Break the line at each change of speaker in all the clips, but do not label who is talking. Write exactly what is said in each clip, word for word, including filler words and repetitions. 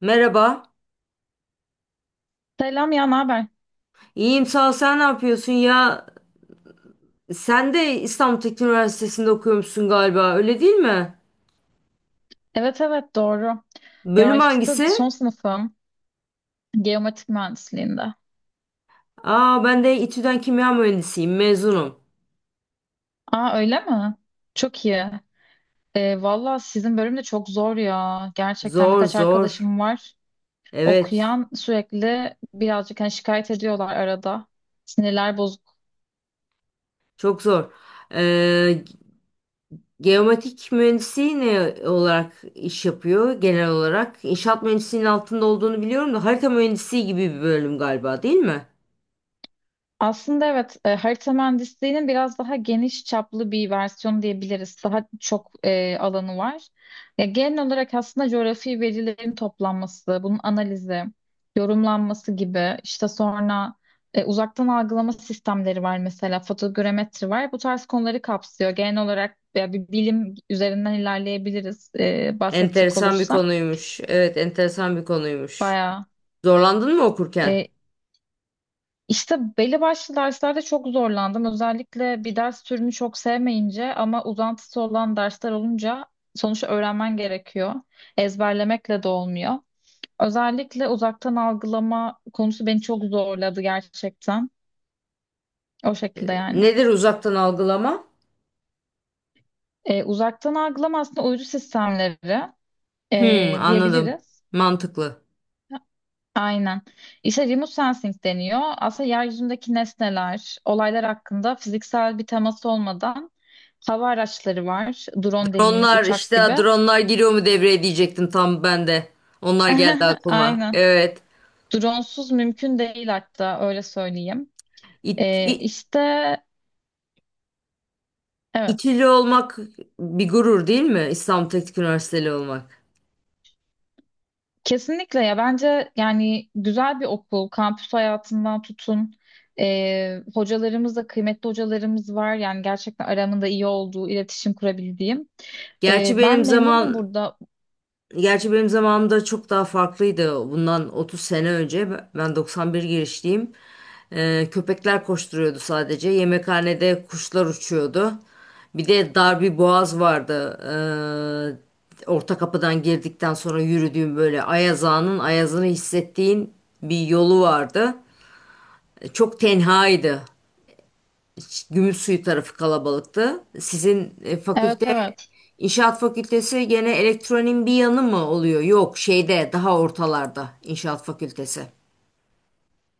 Merhaba.
Selam ya, ne haber?
İyiyim sağ ol. Sen ne yapıyorsun ya? Sen de İstanbul Teknik Üniversitesi'nde okuyormuşsun galiba. Öyle değil mi?
Evet, evet, doğru. Ya
Bölüm
işte
hangisi?
son sınıfım geometrik mühendisliğinde.
Aa, ben de İTÜ'den kimya mühendisiyim. Mezunum.
Aa, öyle mi? Çok iyi. Ee, valla sizin bölüm de çok zor ya. Gerçekten
Zor
birkaç
zor.
arkadaşım var.
Evet.
Okuyan sürekli birazcık hani şikayet ediyorlar arada. Sinirler bozuk.
Çok zor. Ee, Geomatik mühendisi ne olarak iş yapıyor genel olarak? İnşaat mühendisliğinin altında olduğunu biliyorum da harita mühendisi gibi bir bölüm galiba, değil mi?
Aslında evet, e, harita mühendisliğinin biraz daha geniş çaplı bir versiyonu diyebiliriz. Daha çok e, alanı var. Ya, genel olarak aslında coğrafi verilerin toplanması, bunun analizi, yorumlanması gibi. İşte sonra e, uzaktan algılama sistemleri var, mesela fotogrametri var. Bu tarz konuları kapsıyor. Genel olarak ya, bir bilim üzerinden ilerleyebiliriz e, bahsedecek
Enteresan bir
olursam.
konuymuş. Evet, enteresan bir konuymuş.
Bayağı.
Zorlandın mı okurken?
e, İşte belli başlı derslerde çok zorlandım. Özellikle bir ders türünü çok sevmeyince ama uzantısı olan dersler olunca sonuçta öğrenmen gerekiyor. Ezberlemekle de olmuyor. Özellikle uzaktan algılama konusu beni çok zorladı gerçekten. O şekilde yani.
Nedir uzaktan algılama?
Ee, uzaktan algılama aslında uydu sistemleri,
Hmm,
ee,
anladım.
diyebiliriz.
Mantıklı.
Aynen. İşte remote sensing deniyor. Aslında yeryüzündeki nesneler, olaylar hakkında fiziksel bir temas olmadan hava araçları var. Drone dediğimiz,
Dronlar
uçak
işte,
gibi.
dronlar giriyor mu devreye diyecektim tam ben de. Onlar geldi aklıma.
Aynen.
Evet.
Dronesuz mümkün değil, hatta öyle söyleyeyim.
İt,
Ee,
İ-
işte evet.
İTÜ'lü olmak bir gurur değil mi? İstanbul Teknik Üniversiteli olmak.
Kesinlikle ya, bence yani güzel bir okul, kampüs hayatından tutun. Ee, hocalarımız da kıymetli, hocalarımız var. Yani gerçekten aramında iyi olduğu, iletişim kurabildiğim.
Gerçi
Ee,
benim
ben memnunum
zaman
burada.
Gerçi benim zamanımda çok daha farklıydı. Bundan otuz sene önce ben ben doksan bir girişliyim. Ee, köpekler koşturuyordu sadece. Yemekhanede kuşlar uçuyordu. Bir de dar bir boğaz vardı. Ee, orta kapıdan girdikten sonra yürüdüğüm, böyle Ayazağa'nın ayazını hissettiğin bir yolu vardı. Çok tenhaydı. Gümüşsuyu tarafı kalabalıktı. Sizin e,
Evet,
fakülte
evet.
inşaat fakültesi gene elektronin bir yanı mı oluyor? Yok, şeyde daha ortalarda inşaat fakültesi.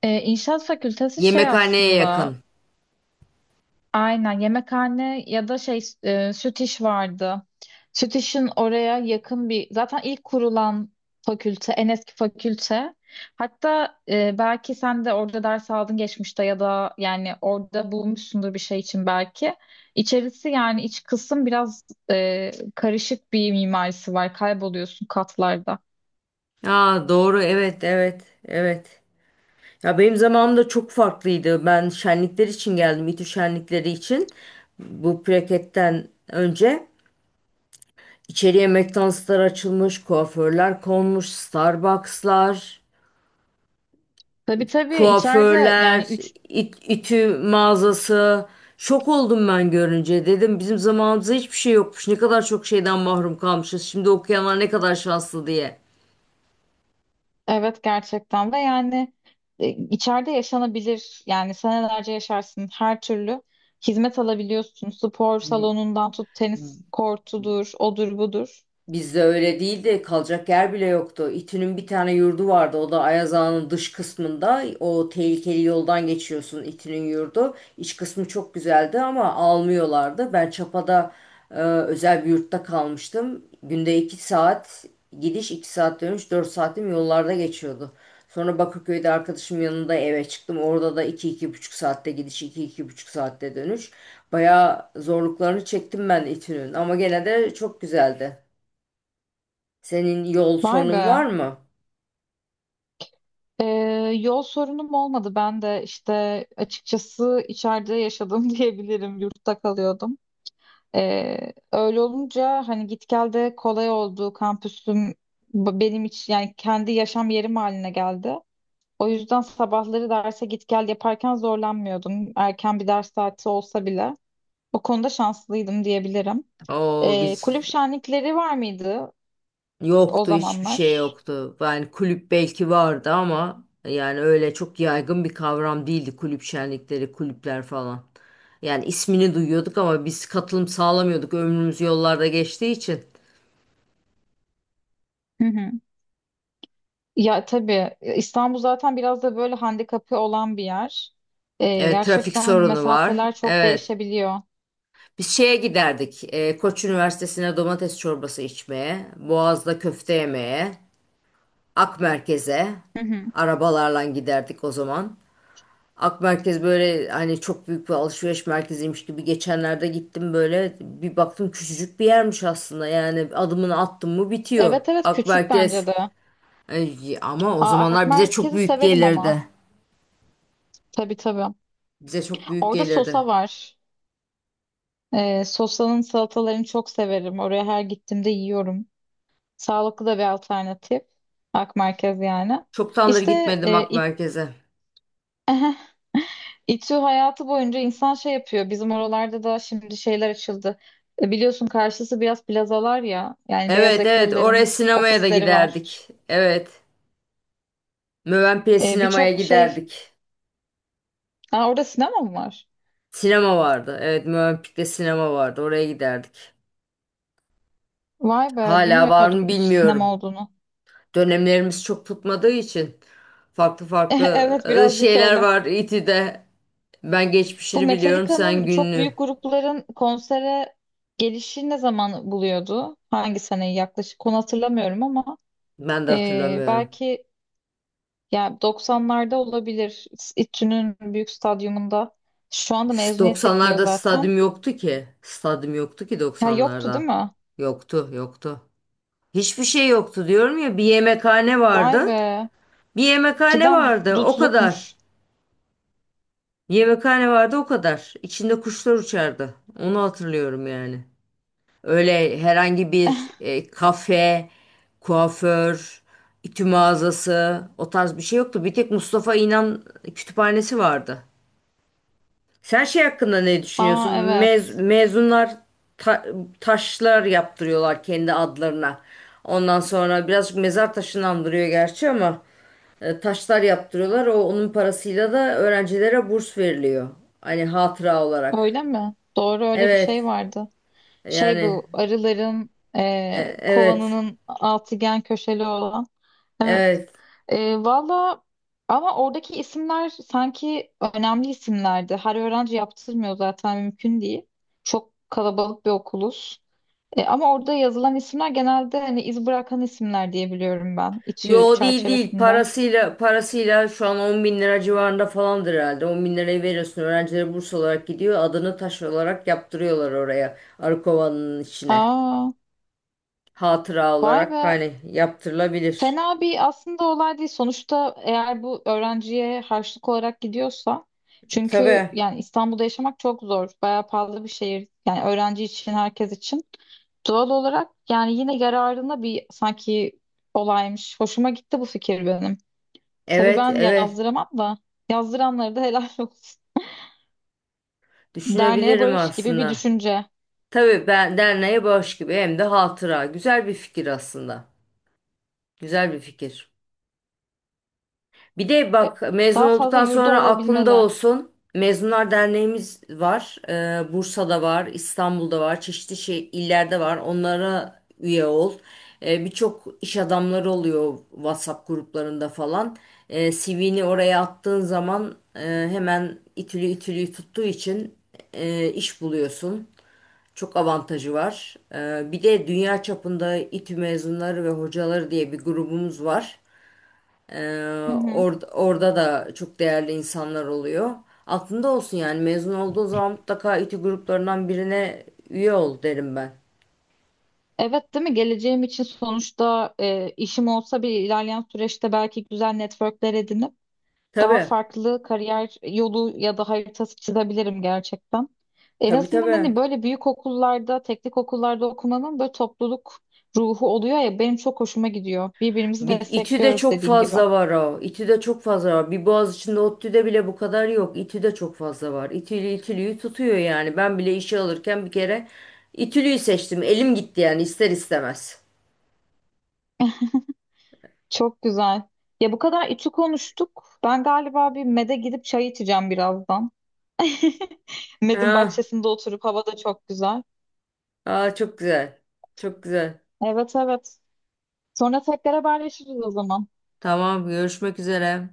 Ee, İnşaat fakültesi şey
Yemekhaneye
aslında,
yakın.
aynen yemekhane ya da şey, e, süt iş vardı. Süt işin oraya yakın bir, zaten ilk kurulan fakülte, en eski fakülte. Hatta e, belki sen de orada ders aldın geçmişte ya da yani orada bulmuşsundur bir şey için belki. İçerisi yani iç kısım biraz e, karışık bir mimarisi var, kayboluyorsun katlarda.
Ha, doğru, evet evet evet. Ya, benim zamanımda çok farklıydı. Ben şenlikler için geldim. İTÜ şenlikleri için. Bu plaketten önce içeriye McDonald'slar açılmış, kuaförler konmuş, Starbucks'lar.
Tabii, tabii, içeride
Kuaförler,
yani.
it- ütü mağazası. Şok oldum ben görünce. Dedim bizim zamanımızda hiçbir şey yokmuş. Ne kadar çok şeyden mahrum kalmışız. Şimdi okuyanlar ne kadar şanslı diye.
Evet, gerçekten. Ve yani e, içeride yaşanabilir, yani senelerce yaşarsın, her türlü hizmet alabiliyorsun, spor salonundan tut, tenis kortudur, odur, budur.
Bizde öyle değildi. Kalacak yer bile yoktu. İTÜ'nün bir tane yurdu vardı. O da Ayaz Ağa'nın dış kısmında. O tehlikeli yoldan geçiyorsun, İTÜ'nün yurdu. İç kısmı çok güzeldi ama almıyorlardı. Ben Çapa'da e, özel bir yurtta kalmıştım. Günde iki saat gidiş, iki saat dönüş, dört saatim yollarda geçiyordu. Sonra Bakırköy'de arkadaşım yanında eve çıktım. Orada da iki iki buçuk saatte gidiş, iki iki buçuk saatte dönüş. Bayağı zorluklarını çektim ben İTÜ'nün ama gene de çok güzeldi. Senin yol
Vay be.
sorunun var mı?
Ee, Yol sorunum olmadı, ben de işte açıkçası içeride yaşadım diyebilirim, yurtta kalıyordum. Ee, öyle olunca hani git gel de kolay oldu, kampüsüm b- benim için yani kendi yaşam yerim haline geldi. O yüzden sabahları derse git gel yaparken zorlanmıyordum. Erken bir ders saati olsa bile. O konuda şanslıydım diyebilirim.
O
Ee,
biz
kulüp şenlikleri var mıydı o
yoktu, hiçbir şey
zamanlar?
yoktu. Yani kulüp belki vardı ama yani öyle çok yaygın bir kavram değildi kulüp şenlikleri, kulüpler falan. Yani ismini duyuyorduk ama biz katılım sağlamıyorduk. Ömrümüz yollarda geçtiği için.
Hı hı. Ya tabii, İstanbul zaten biraz da böyle handikapı olan bir yer. Ee,
Evet, trafik
gerçekten
sorunu var.
mesafeler çok
Evet.
değişebiliyor.
Biz şeye giderdik. e, Koç Üniversitesi'ne domates çorbası içmeye, Boğaz'da köfte yemeye, Ak Merkez'e
Hı hı.
arabalarla giderdik o zaman. Ak Merkez böyle hani çok büyük bir alışveriş merkeziymiş gibi, geçenlerde gittim böyle bir baktım küçücük bir yermiş aslında. Yani adımını attım mı bitiyor
Evet, evet,
Ak
küçük
Merkez.
bence de.
Ay, ama o
Aa, Alp
zamanlar bize çok
merkezi
büyük
severim ama.
gelirdi.
Tabii, tabii.
Bize çok büyük
Orada
gelirdi.
sosa var. Ee, sosanın salatalarını çok severim. Oraya her gittiğimde yiyorum. Sağlıklı da bir alternatif. Ak merkez yani.
Çoktandır
İşte
gitmedim
e,
Ak
İ-
Merkez'e.
İTÜ hayatı boyunca insan şey yapıyor. Bizim oralarda da şimdi şeyler açıldı. E, biliyorsun karşısı biraz plazalar ya. Yani beyaz
Evet evet, oraya
yakalıların
sinemaya da
ofisleri var.
giderdik. Evet. Mövenpik'e
E,
sinemaya
birçok şey.
giderdik.
Ha, orada sinema mı var?
Sinema vardı. Evet, Mövenpik'te sinema vardı. Oraya giderdik.
Vay be,
Hala var
bilmiyordum
mı
hiç sinema
bilmiyorum.
olduğunu.
Dönemlerimiz çok tutmadığı için farklı farklı
Evet,
e,
birazcık
şeyler
öyle.
var İTÜ'de. Ben
Bu
geçmişini biliyorum, sen
Metallica'nın, çok
gününü.
büyük grupların konsere gelişi ne zaman buluyordu? Hangi seneyi yaklaşık? Onu hatırlamıyorum ama
Ben de
e,
hatırlamıyorum.
belki ya doksanlarda olabilir. İTÜ'nün büyük stadyumunda. Şu anda
S-
mezuniyet yapılıyor
doksanlarda
zaten.
stadyum yoktu ki. Stadyum yoktu ki
Ya yoktu değil
doksanlarda.
mi?
Yoktu, yoktu. Hiçbir şey yoktu diyorum ya. Bir yemekhane
Vay
vardı.
be.
Bir yemekhane
Cidden dut-
vardı. O kadar.
dutlukmuş.
Yemekhane vardı, o kadar. İçinde kuşlar uçardı. Onu hatırlıyorum yani. Öyle herhangi bir e, kafe, kuaför, ütü mağazası, o tarz bir şey yoktu. Bir tek Mustafa İnan kütüphanesi vardı. Sen şey hakkında ne
Aa,
düşünüyorsun?
evet.
Mez, mezunlar ta- taşlar yaptırıyorlar kendi adlarına. Ondan sonra birazcık mezar taşını andırıyor gerçi ama e, taşlar yaptırıyorlar. O onun parasıyla da öğrencilere burs veriliyor. Hani hatıra olarak.
Öyle mi? Doğru, öyle bir şey
Evet.
vardı. Şey,
Yani
bu arıların
e,
e,
evet.
kovanının altıgen köşeli olan. Evet.
Evet.
Ee, valla, ama oradaki isimler sanki önemli isimlerdi. Her öğrenci yaptırmıyor, zaten mümkün değil. Çok kalabalık bir okuluz. Ee, ama orada yazılan isimler genelde hani iz bırakan isimler diye biliyorum ben. İTÜ
Yo, değil değil,
çerçevesinde.
parasıyla parasıyla şu an on bin lira civarında falandır herhalde. On bin lirayı veriyorsun, öğrencilere burs olarak gidiyor, adını taş olarak yaptırıyorlar oraya arı kovanın içine,
Aa,
hatıra
vay
olarak,
be.
hani yaptırılabilir.
Fena bir aslında olay değil. Sonuçta eğer bu öğrenciye harçlık olarak gidiyorsa, çünkü
Tabii,
yani İstanbul'da yaşamak çok zor. Bayağı pahalı bir şehir. Yani öğrenci için, herkes için. Doğal olarak yani yine yararına bir sanki olaymış. Hoşuma gitti bu fikir benim. Tabii
evet
ben
evet,
yazdıramam da, yazdıranlara da helal olsun. Derneğe
düşünebilirim
barış gibi bir
aslında.
düşünce.
Tabii, ben derneğe bağış gibi hem de hatıra, güzel bir fikir aslında, güzel bir fikir. Bir de bak, mezun
Daha fazla
olduktan
yurdu
sonra aklında
olabilmeli.
olsun. Mezunlar Derneğimiz var. Ee, Bursa'da var, İstanbul'da var, çeşitli şey, illerde var. Onlara üye ol. Ee, birçok iş adamları oluyor WhatsApp gruplarında falan. Ee, C V'ni oraya attığın zaman, e, hemen itülü itülü tuttuğu için e, iş buluyorsun. Çok avantajı var. Ee, bir de dünya çapında İTÜ mezunları ve hocaları diye bir grubumuz var. Ee,
Hı hı.
or- Orada da çok değerli insanlar oluyor. Aklında olsun yani mezun olduğu zaman mutlaka İTÜ gruplarından birine üye ol derim ben.
Evet, değil mi? Geleceğim için sonuçta e, işim olsa bir ilerleyen süreçte belki güzel networkler edinip daha
Tabii,
farklı kariyer yolu ya da haritası çizebilirim gerçekten. En
tabii
azından hani
tabii.
böyle büyük okullarda, teknik okullarda okumanın böyle topluluk ruhu oluyor ya, benim çok hoşuma gidiyor. Birbirimizi
Bir, İTÜ'de
destekliyoruz,
çok
dediğin gibi.
fazla var o. İTÜ'de çok fazla var. Bir Boğaziçi'nde, ODTÜ'de bile bu kadar yok. İTÜ'de çok fazla var. İTÜ'lü İTÜ'lüyü tutuyor yani. Ben bile işe alırken bir kere İTÜ'lüyü seçtim. Elim gitti yani ister istemez.
Çok güzel. Ya bu kadar içi konuştuk. Ben galiba bir mede gidip çay içeceğim birazdan. Medin
Ha,
bahçesinde oturup, hava da çok güzel.
aa, çok güzel. Çok güzel.
Evet, evet. Sonra tekrar haberleşiriz o zaman.
Tamam, görüşmek üzere.